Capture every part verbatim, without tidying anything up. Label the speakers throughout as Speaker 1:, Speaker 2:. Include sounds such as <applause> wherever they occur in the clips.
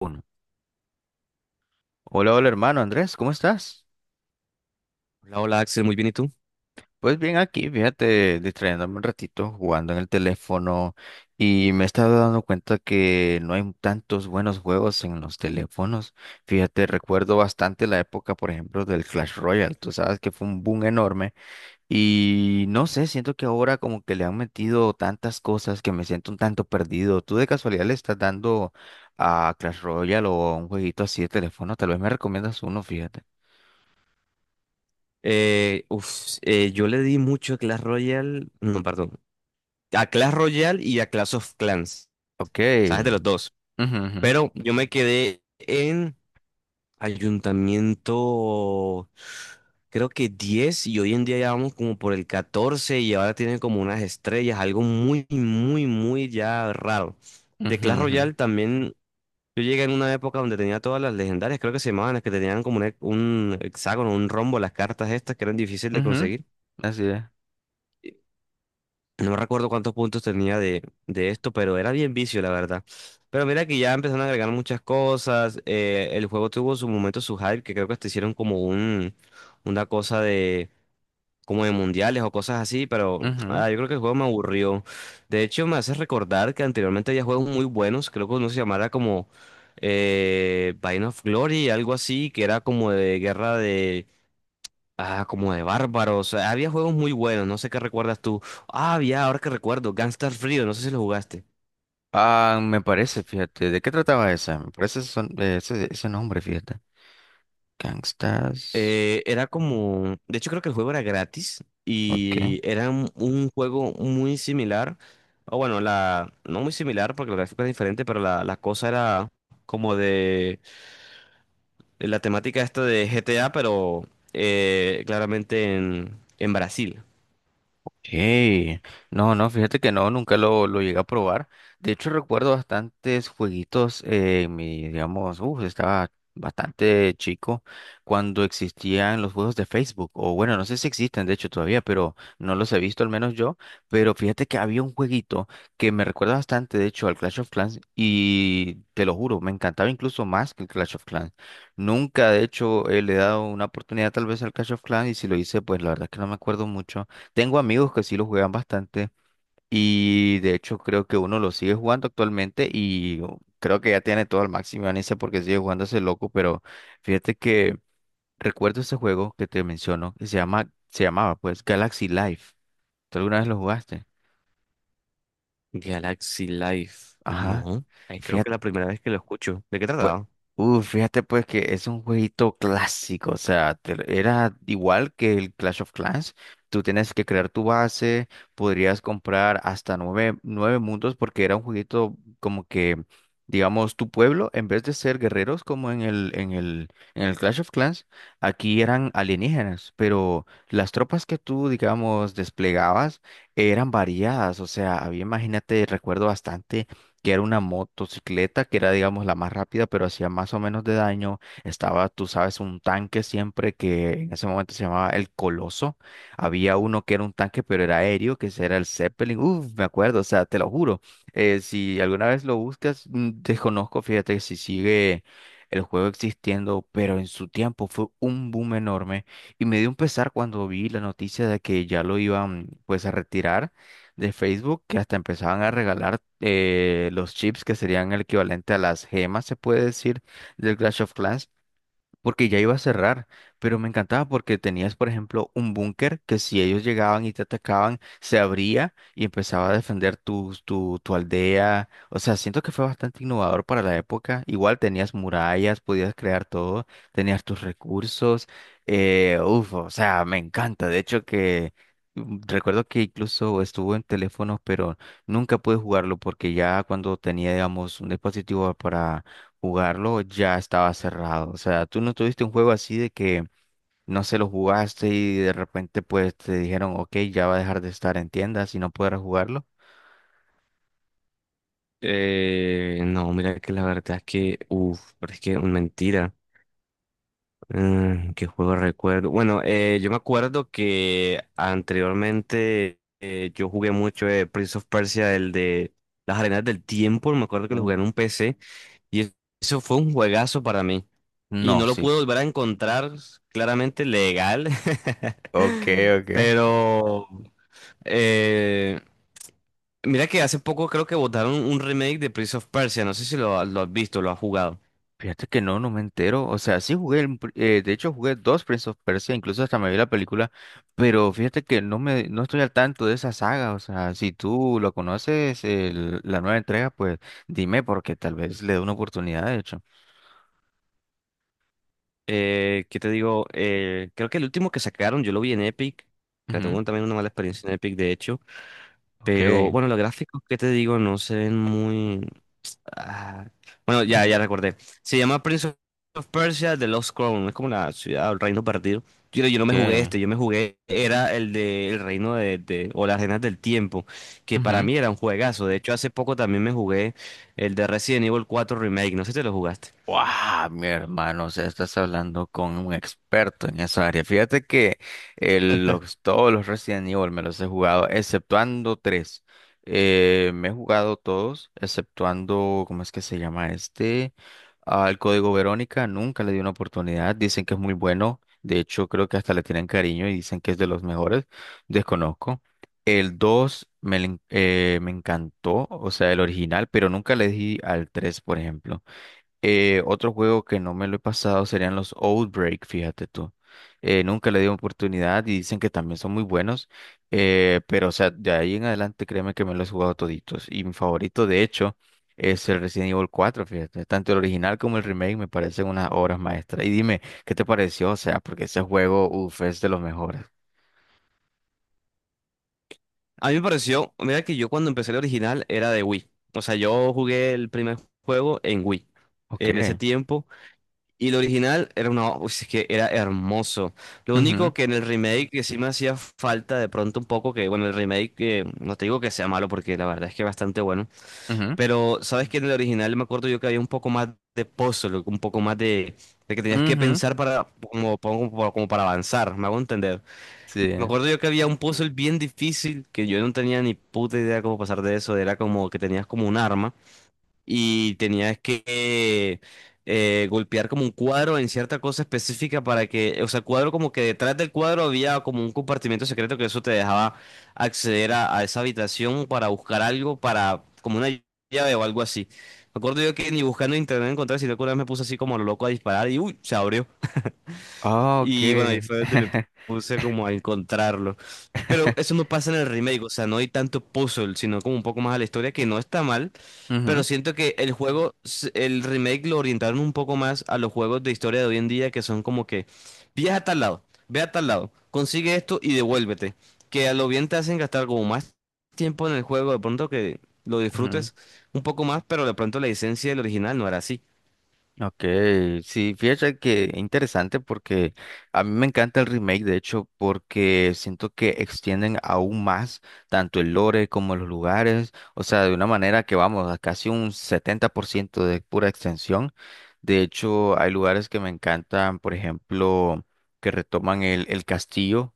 Speaker 1: Uno. Hola, hola hermano Andrés, ¿cómo estás?
Speaker 2: Hola, hola Axel, muy bien, ¿y tú?
Speaker 1: Pues bien aquí, fíjate, distrayéndome un ratito, jugando en el teléfono y me he estado dando cuenta que no hay tantos buenos juegos en los teléfonos. Fíjate, recuerdo bastante la época, por ejemplo, del Clash Royale, tú sabes que fue un boom enorme y no sé, siento que ahora como que le han metido tantas cosas que me siento un tanto perdido. ¿Tú de casualidad le estás dando a Clash Royale o a un jueguito así de teléfono? Tal vez me recomiendas uno, fíjate.
Speaker 2: Eh, uf, eh, yo le di mucho a Clash Royale, no, perdón, a Clash Royale y a Clash of Clans,
Speaker 1: Ok.
Speaker 2: ¿sabes? De los dos.
Speaker 1: Ujú, ujú,
Speaker 2: Pero yo me quedé en Ayuntamiento, creo que diez, y hoy en día ya vamos como por el catorce y ahora tienen como unas estrellas, algo muy, muy, muy ya raro. De
Speaker 1: ujú,
Speaker 2: Clash
Speaker 1: ujú,
Speaker 2: Royale también yo llegué en una época donde tenía todas las legendarias, creo que se llamaban las que tenían como un, he- un hexágono, un rombo, las cartas estas que eran difíciles de
Speaker 1: ujú.
Speaker 2: conseguir.
Speaker 1: Así es.
Speaker 2: Y no recuerdo cuántos puntos tenía de, de esto, pero era bien vicio, la verdad. Pero mira que ya empezaron a agregar muchas cosas. Eh, el juego tuvo su momento, su hype, que creo que hasta hicieron como un, una cosa como de mundiales o cosas así, pero
Speaker 1: Ujú.
Speaker 2: ah, yo creo que el juego me aburrió. De hecho, me hace recordar que anteriormente había juegos muy buenos, creo que uno se llamara como eh, Vine of Glory, algo así, que era como de guerra de... Ah, como de bárbaros. Había juegos muy buenos, no sé qué recuerdas tú. Ah, había, ahora que recuerdo, Gangstar Frío, no sé si lo jugaste.
Speaker 1: Ah, me parece, fíjate. ¿De qué trataba esa? Me parece son- eh, ese, ese nombre, fíjate. Gangstas.
Speaker 2: Eh, era como, de hecho creo que el juego era gratis
Speaker 1: Ok.
Speaker 2: y era un, un juego muy similar, o bueno, la, no muy similar porque el gráfico es diferente, pero la, la cosa era como de, de la temática esta de G T A, pero eh, claramente en, en Brasil.
Speaker 1: Hey, no, no, fíjate que no, nunca lo, lo llegué a probar. De hecho, recuerdo bastantes jueguitos eh, en mi, digamos, uh, estaba bastante chico cuando existían los juegos de Facebook. O bueno, no sé si existen, de hecho, todavía, pero no los he visto, al menos yo. Pero fíjate que había un jueguito que me recuerda bastante, de hecho, al Clash of Clans. Y te lo juro, me encantaba incluso más que el Clash of Clans. Nunca, de hecho, eh, le he dado una oportunidad tal vez al Clash of Clans. Y si lo hice, pues la verdad es que no me acuerdo mucho, tengo amigos que sí lo juegan bastante y de hecho creo que uno lo sigue jugando actualmente y creo que ya tiene todo al máximo ganancia porque sigue jugando ese loco, pero fíjate que recuerdo ese juego que te menciono que se llama, se llamaba pues Galaxy Life. ¿Tú alguna vez lo jugaste?
Speaker 2: Galaxy Life,
Speaker 1: Ajá.
Speaker 2: no, eh, creo que es la primera vez que lo escucho. ¿De qué
Speaker 1: Pues,
Speaker 2: trataba?
Speaker 1: uh, fíjate pues que es un jueguito clásico, o sea, te- era igual que el Clash of Clans. Tú tienes que crear tu base, podrías comprar hasta nueve, nueve mundos porque era un jueguito como que, digamos, tu pueblo, en vez de ser guerreros como en el, en el, en el Clash of Clans, aquí eran alienígenas, pero las tropas que tú, digamos, desplegabas eran variadas, o sea, había, imagínate, recuerdo bastante que era una motocicleta, que era, digamos, la más rápida, pero hacía más o menos de daño. Estaba, tú sabes, un tanque siempre que en ese momento se llamaba el Coloso. Había uno que era un tanque, pero era aéreo, que ese era el Zeppelin. Uf, me acuerdo, o sea, te lo juro. Eh, si alguna vez lo buscas, mm, desconozco, fíjate si sigue el juego existiendo, pero en su tiempo fue un boom enorme. Y me dio un pesar cuando vi la noticia de que ya lo iban, pues, a retirar de Facebook, que hasta empezaban a regalar eh, los chips que serían el equivalente a las gemas, se puede decir, del Clash of Clans porque ya iba a cerrar, pero me encantaba porque tenías, por ejemplo, un búnker que si ellos llegaban y te atacaban, se abría y empezaba a defender tu, tu, tu aldea. O sea, siento que fue bastante innovador para la época. Igual tenías murallas, podías crear todo, tenías tus recursos. Eh, uf, o sea, me encanta. De hecho que... mm, Recuerdo que incluso estuvo en teléfonos, pero nunca pude jugarlo porque ya cuando tenía, digamos, un dispositivo para jugarlo ya estaba cerrado. O sea, tú no tuviste un juego así de que no se lo jugaste y de repente pues te dijeron, ok, ya va a dejar de estar en tiendas y no podrás jugarlo.
Speaker 2: Eh, no, mira que la verdad es que, uff, pero es que mentira. Mm, ¿qué juego recuerdo? Bueno, eh, yo me acuerdo que anteriormente eh, yo jugué mucho, eh, Prince of Persia, el de las arenas del tiempo. Me acuerdo que lo
Speaker 1: Uh,
Speaker 2: jugué en un P C y es- eso fue un juegazo para mí. Y
Speaker 1: No,
Speaker 2: no lo
Speaker 1: sí.
Speaker 2: pude volver a encontrar claramente legal,
Speaker 1: Ok,
Speaker 2: <laughs>
Speaker 1: ok.
Speaker 2: pero eh, mira que hace poco creo que botaron un remake de Prince of Persia. No sé si lo, lo has visto, lo has jugado.
Speaker 1: Fíjate que no, no me entero. O sea, sí jugué, el pr- eh, de hecho jugué dos Prince of Persia, incluso hasta me vi la película, pero fíjate que no me, no estoy al tanto de esa saga. O sea, si tú lo conoces, el- la nueva entrega, pues dime porque tal vez le dé una oportunidad, de hecho.
Speaker 2: Eh, ¿qué te digo? Eh, creo que el último que sacaron, yo lo vi en Epic. Que
Speaker 1: Ujú.
Speaker 2: tengo también una mala experiencia en Epic, de hecho.
Speaker 1: Ok.
Speaker 2: Pero bueno, los gráficos, ¿qué te digo? No se ven muy. ah, Bueno, ya, ya
Speaker 1: Ujú.
Speaker 2: recordé. Se llama Prince of Persia The Lost Crown. Es como la ciudad o el reino perdido. Yo, yo no me jugué
Speaker 1: Okay.
Speaker 2: este, yo me jugué. Era el de el reino de, de- o las arenas del tiempo. Que para
Speaker 1: Ujú.
Speaker 2: mí era un juegazo. De hecho, hace poco también me jugué el de Resident Evil cuatro Remake. No sé si te lo jugaste.
Speaker 1: Wow, mi hermano, o sea, estás hablando con un experto en esa área. Fíjate que el- los- todos los Resident Evil me los he jugado, exceptuando tres. Eh, me he jugado todos, exceptuando, ¿cómo es que se llama este? Al Código Verónica, nunca le di una oportunidad. Dicen que es muy bueno. De hecho, creo que hasta le tienen cariño y dicen que es de los mejores. Desconozco. El dos, me, le en- eh, me encantó, o sea, el original, pero nunca le di al tres, por ejemplo. Eh, otro juego que no me lo he pasado serían los Outbreak, fíjate tú. Eh, nunca le di oportunidad y dicen que también son muy buenos, eh, pero o sea, de ahí en adelante créeme que me los he jugado toditos. Y mi favorito, de hecho, es el Resident Evil cuatro, fíjate. Tanto el original como el remake me parecen unas obras maestras. Y dime, ¿qué te pareció? O sea, porque ese juego, uff, es de los mejores.
Speaker 2: A mí me pareció, mira que yo cuando empecé el original era de Wii. O sea, yo jugué el primer juego en Wii en ese
Speaker 1: Ok.
Speaker 2: tiempo y el original era una, uy, es que era hermoso. Lo
Speaker 1: Ujú,
Speaker 2: único que en el remake que sí me hacía falta de pronto un poco que bueno, el remake que no te digo que sea malo porque la verdad es que es bastante bueno,
Speaker 1: ujú,
Speaker 2: pero sabes que en el original me acuerdo yo que había un poco más de puzzle, un poco más de, de que tenías que
Speaker 1: ujú.
Speaker 2: pensar para como, como como para avanzar, me hago entender.
Speaker 1: Sí.
Speaker 2: Me acuerdo yo que había un puzzle bien difícil que yo no tenía ni puta idea cómo pasar de eso. Era como que tenías como un arma y tenías que eh, golpear como un cuadro en cierta cosa específica para que, o sea, cuadro como que detrás del cuadro había como un compartimento secreto que eso te dejaba acceder a, a esa habitación para buscar algo, para como una llave o algo así. Me acuerdo yo que ni buscando en internet encontré, sino que una vez me puse así como lo loco a disparar y uy, se abrió.
Speaker 1: Ah, ok.
Speaker 2: Y bueno, ahí fue donde me puse como a encontrarlo. Pero eso
Speaker 1: <laughs>
Speaker 2: no pasa en el remake, o sea, no hay tanto puzzle, sino como un poco más a la historia, que no está mal, pero
Speaker 1: Ujú,
Speaker 2: siento que el juego, s- el remake lo orientaron un poco más a los juegos de historia de hoy en día, que son como que, viaja a tal lado, ve a tal lado, consigue esto y devuélvete. Que a lo bien te hacen gastar como más tiempo en el juego, de pronto que lo
Speaker 1: ujú.
Speaker 2: disfrutes un poco más, pero de pronto la esencia del original no era así.
Speaker 1: Ok, sí, fíjate que interesante porque a mí me encanta el remake, de hecho, porque siento que extienden aún más tanto el lore como los lugares, o sea, de una manera que vamos a casi un setenta por ciento de pura extensión. De hecho, hay lugares que me encantan, por ejemplo, que retoman el, el castillo.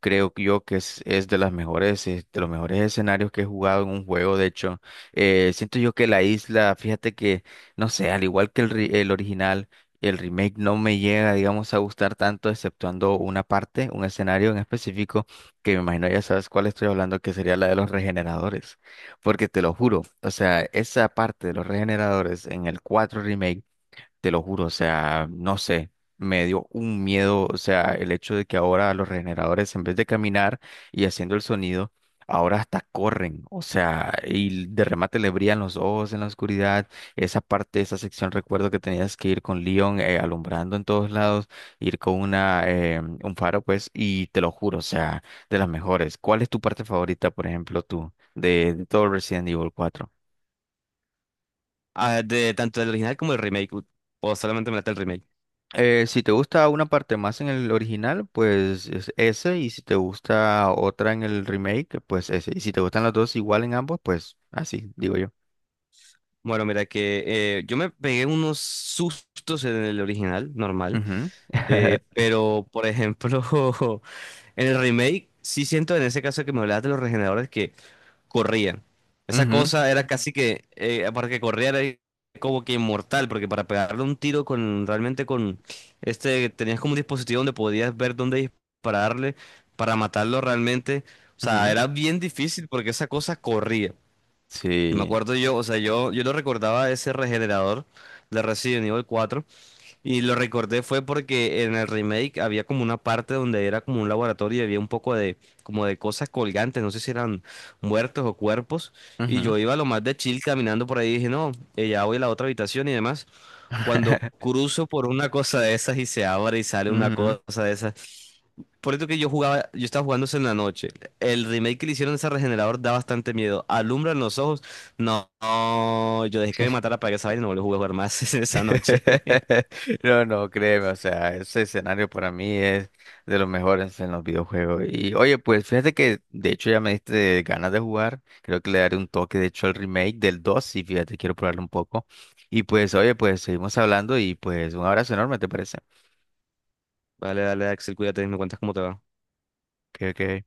Speaker 1: Creo que yo que es, es de las mejores, eh, de los mejores escenarios que he jugado en un juego. De hecho, eh, siento yo que la isla, fíjate que no sé, al igual que el, ri- el original, el remake no me llega, digamos, a gustar tanto, exceptuando una parte, un escenario en específico, que me imagino ya sabes cuál estoy hablando, que sería la de los regeneradores. Porque te lo juro, o sea, esa parte de los regeneradores en el cuatro remake, te lo juro, o sea, no sé, me dio un miedo, o sea, el hecho de que ahora los regeneradores, en vez de caminar y haciendo el sonido, ahora hasta corren, o sea, y de remate le brillan los ojos en la oscuridad, esa parte, esa sección, recuerdo que tenías que ir con Leon eh, alumbrando en todos lados, ir con una, eh, un faro, pues, y te lo juro, o sea, de las mejores. ¿Cuál es tu parte favorita, por ejemplo, tú, de, de todo Resident Evil cuatro?
Speaker 2: Ah, de, tanto del original como el remake, o solamente me late el remake.
Speaker 1: Eh, si te gusta una parte más en el original, pues es ese. Y si te gusta otra en el remake, pues ese. Y si te gustan las dos igual en ambos, pues así, digo yo.
Speaker 2: Bueno, mira que eh, yo me pegué unos sustos en el original, normal,
Speaker 1: Ujú.
Speaker 2: eh,
Speaker 1: <laughs>
Speaker 2: pero por ejemplo, <laughs> en el remake sí siento en ese caso que me hablabas de los regeneradores que corrían. Esa
Speaker 1: Ujú,
Speaker 2: cosa era casi que, eh, para que corriera era como que inmortal, porque para pegarle un tiro con realmente con este, tenías como un dispositivo donde podías ver dónde dispararle para matarlo realmente. O sea,
Speaker 1: ujú.
Speaker 2: era bien difícil porque esa cosa corría. Me
Speaker 1: Sí.
Speaker 2: acuerdo yo, o sea, yo, yo lo recordaba ese regenerador de Resident Evil cuatro y lo recordé fue porque en el remake había como una parte donde era como un laboratorio y había un poco de como de cosas colgantes, no sé si eran muertos o cuerpos, y
Speaker 1: Ujú.
Speaker 2: yo iba lo más de chill caminando por ahí y dije, no, eh, ya voy a la otra habitación y demás. Cuando
Speaker 1: <laughs>
Speaker 2: cruzo por una cosa de esas y se abre y sale una
Speaker 1: Ujú.
Speaker 2: cosa de esas, por eso que yo jugaba, yo estaba jugando eso en la noche. El remake que le hicieron a ese regenerador da bastante miedo. Alumbra en los ojos. No, no, yo dejé que me matara para que esa vaina y no volví a jugar más <laughs> esa noche.
Speaker 1: <laughs> No, no, créeme, o sea, ese escenario para mí es de los mejores en los videojuegos. Y oye, pues fíjate que de hecho ya me diste ganas de jugar, creo que le daré un toque, de hecho, al remake del dos, y fíjate, quiero probarlo un poco. Y pues, oye, pues seguimos hablando y pues un abrazo enorme, ¿te parece?
Speaker 2: <laughs> Vale, dale, Axel, cuídate, me cuentas cómo te va.
Speaker 1: Ok, ok.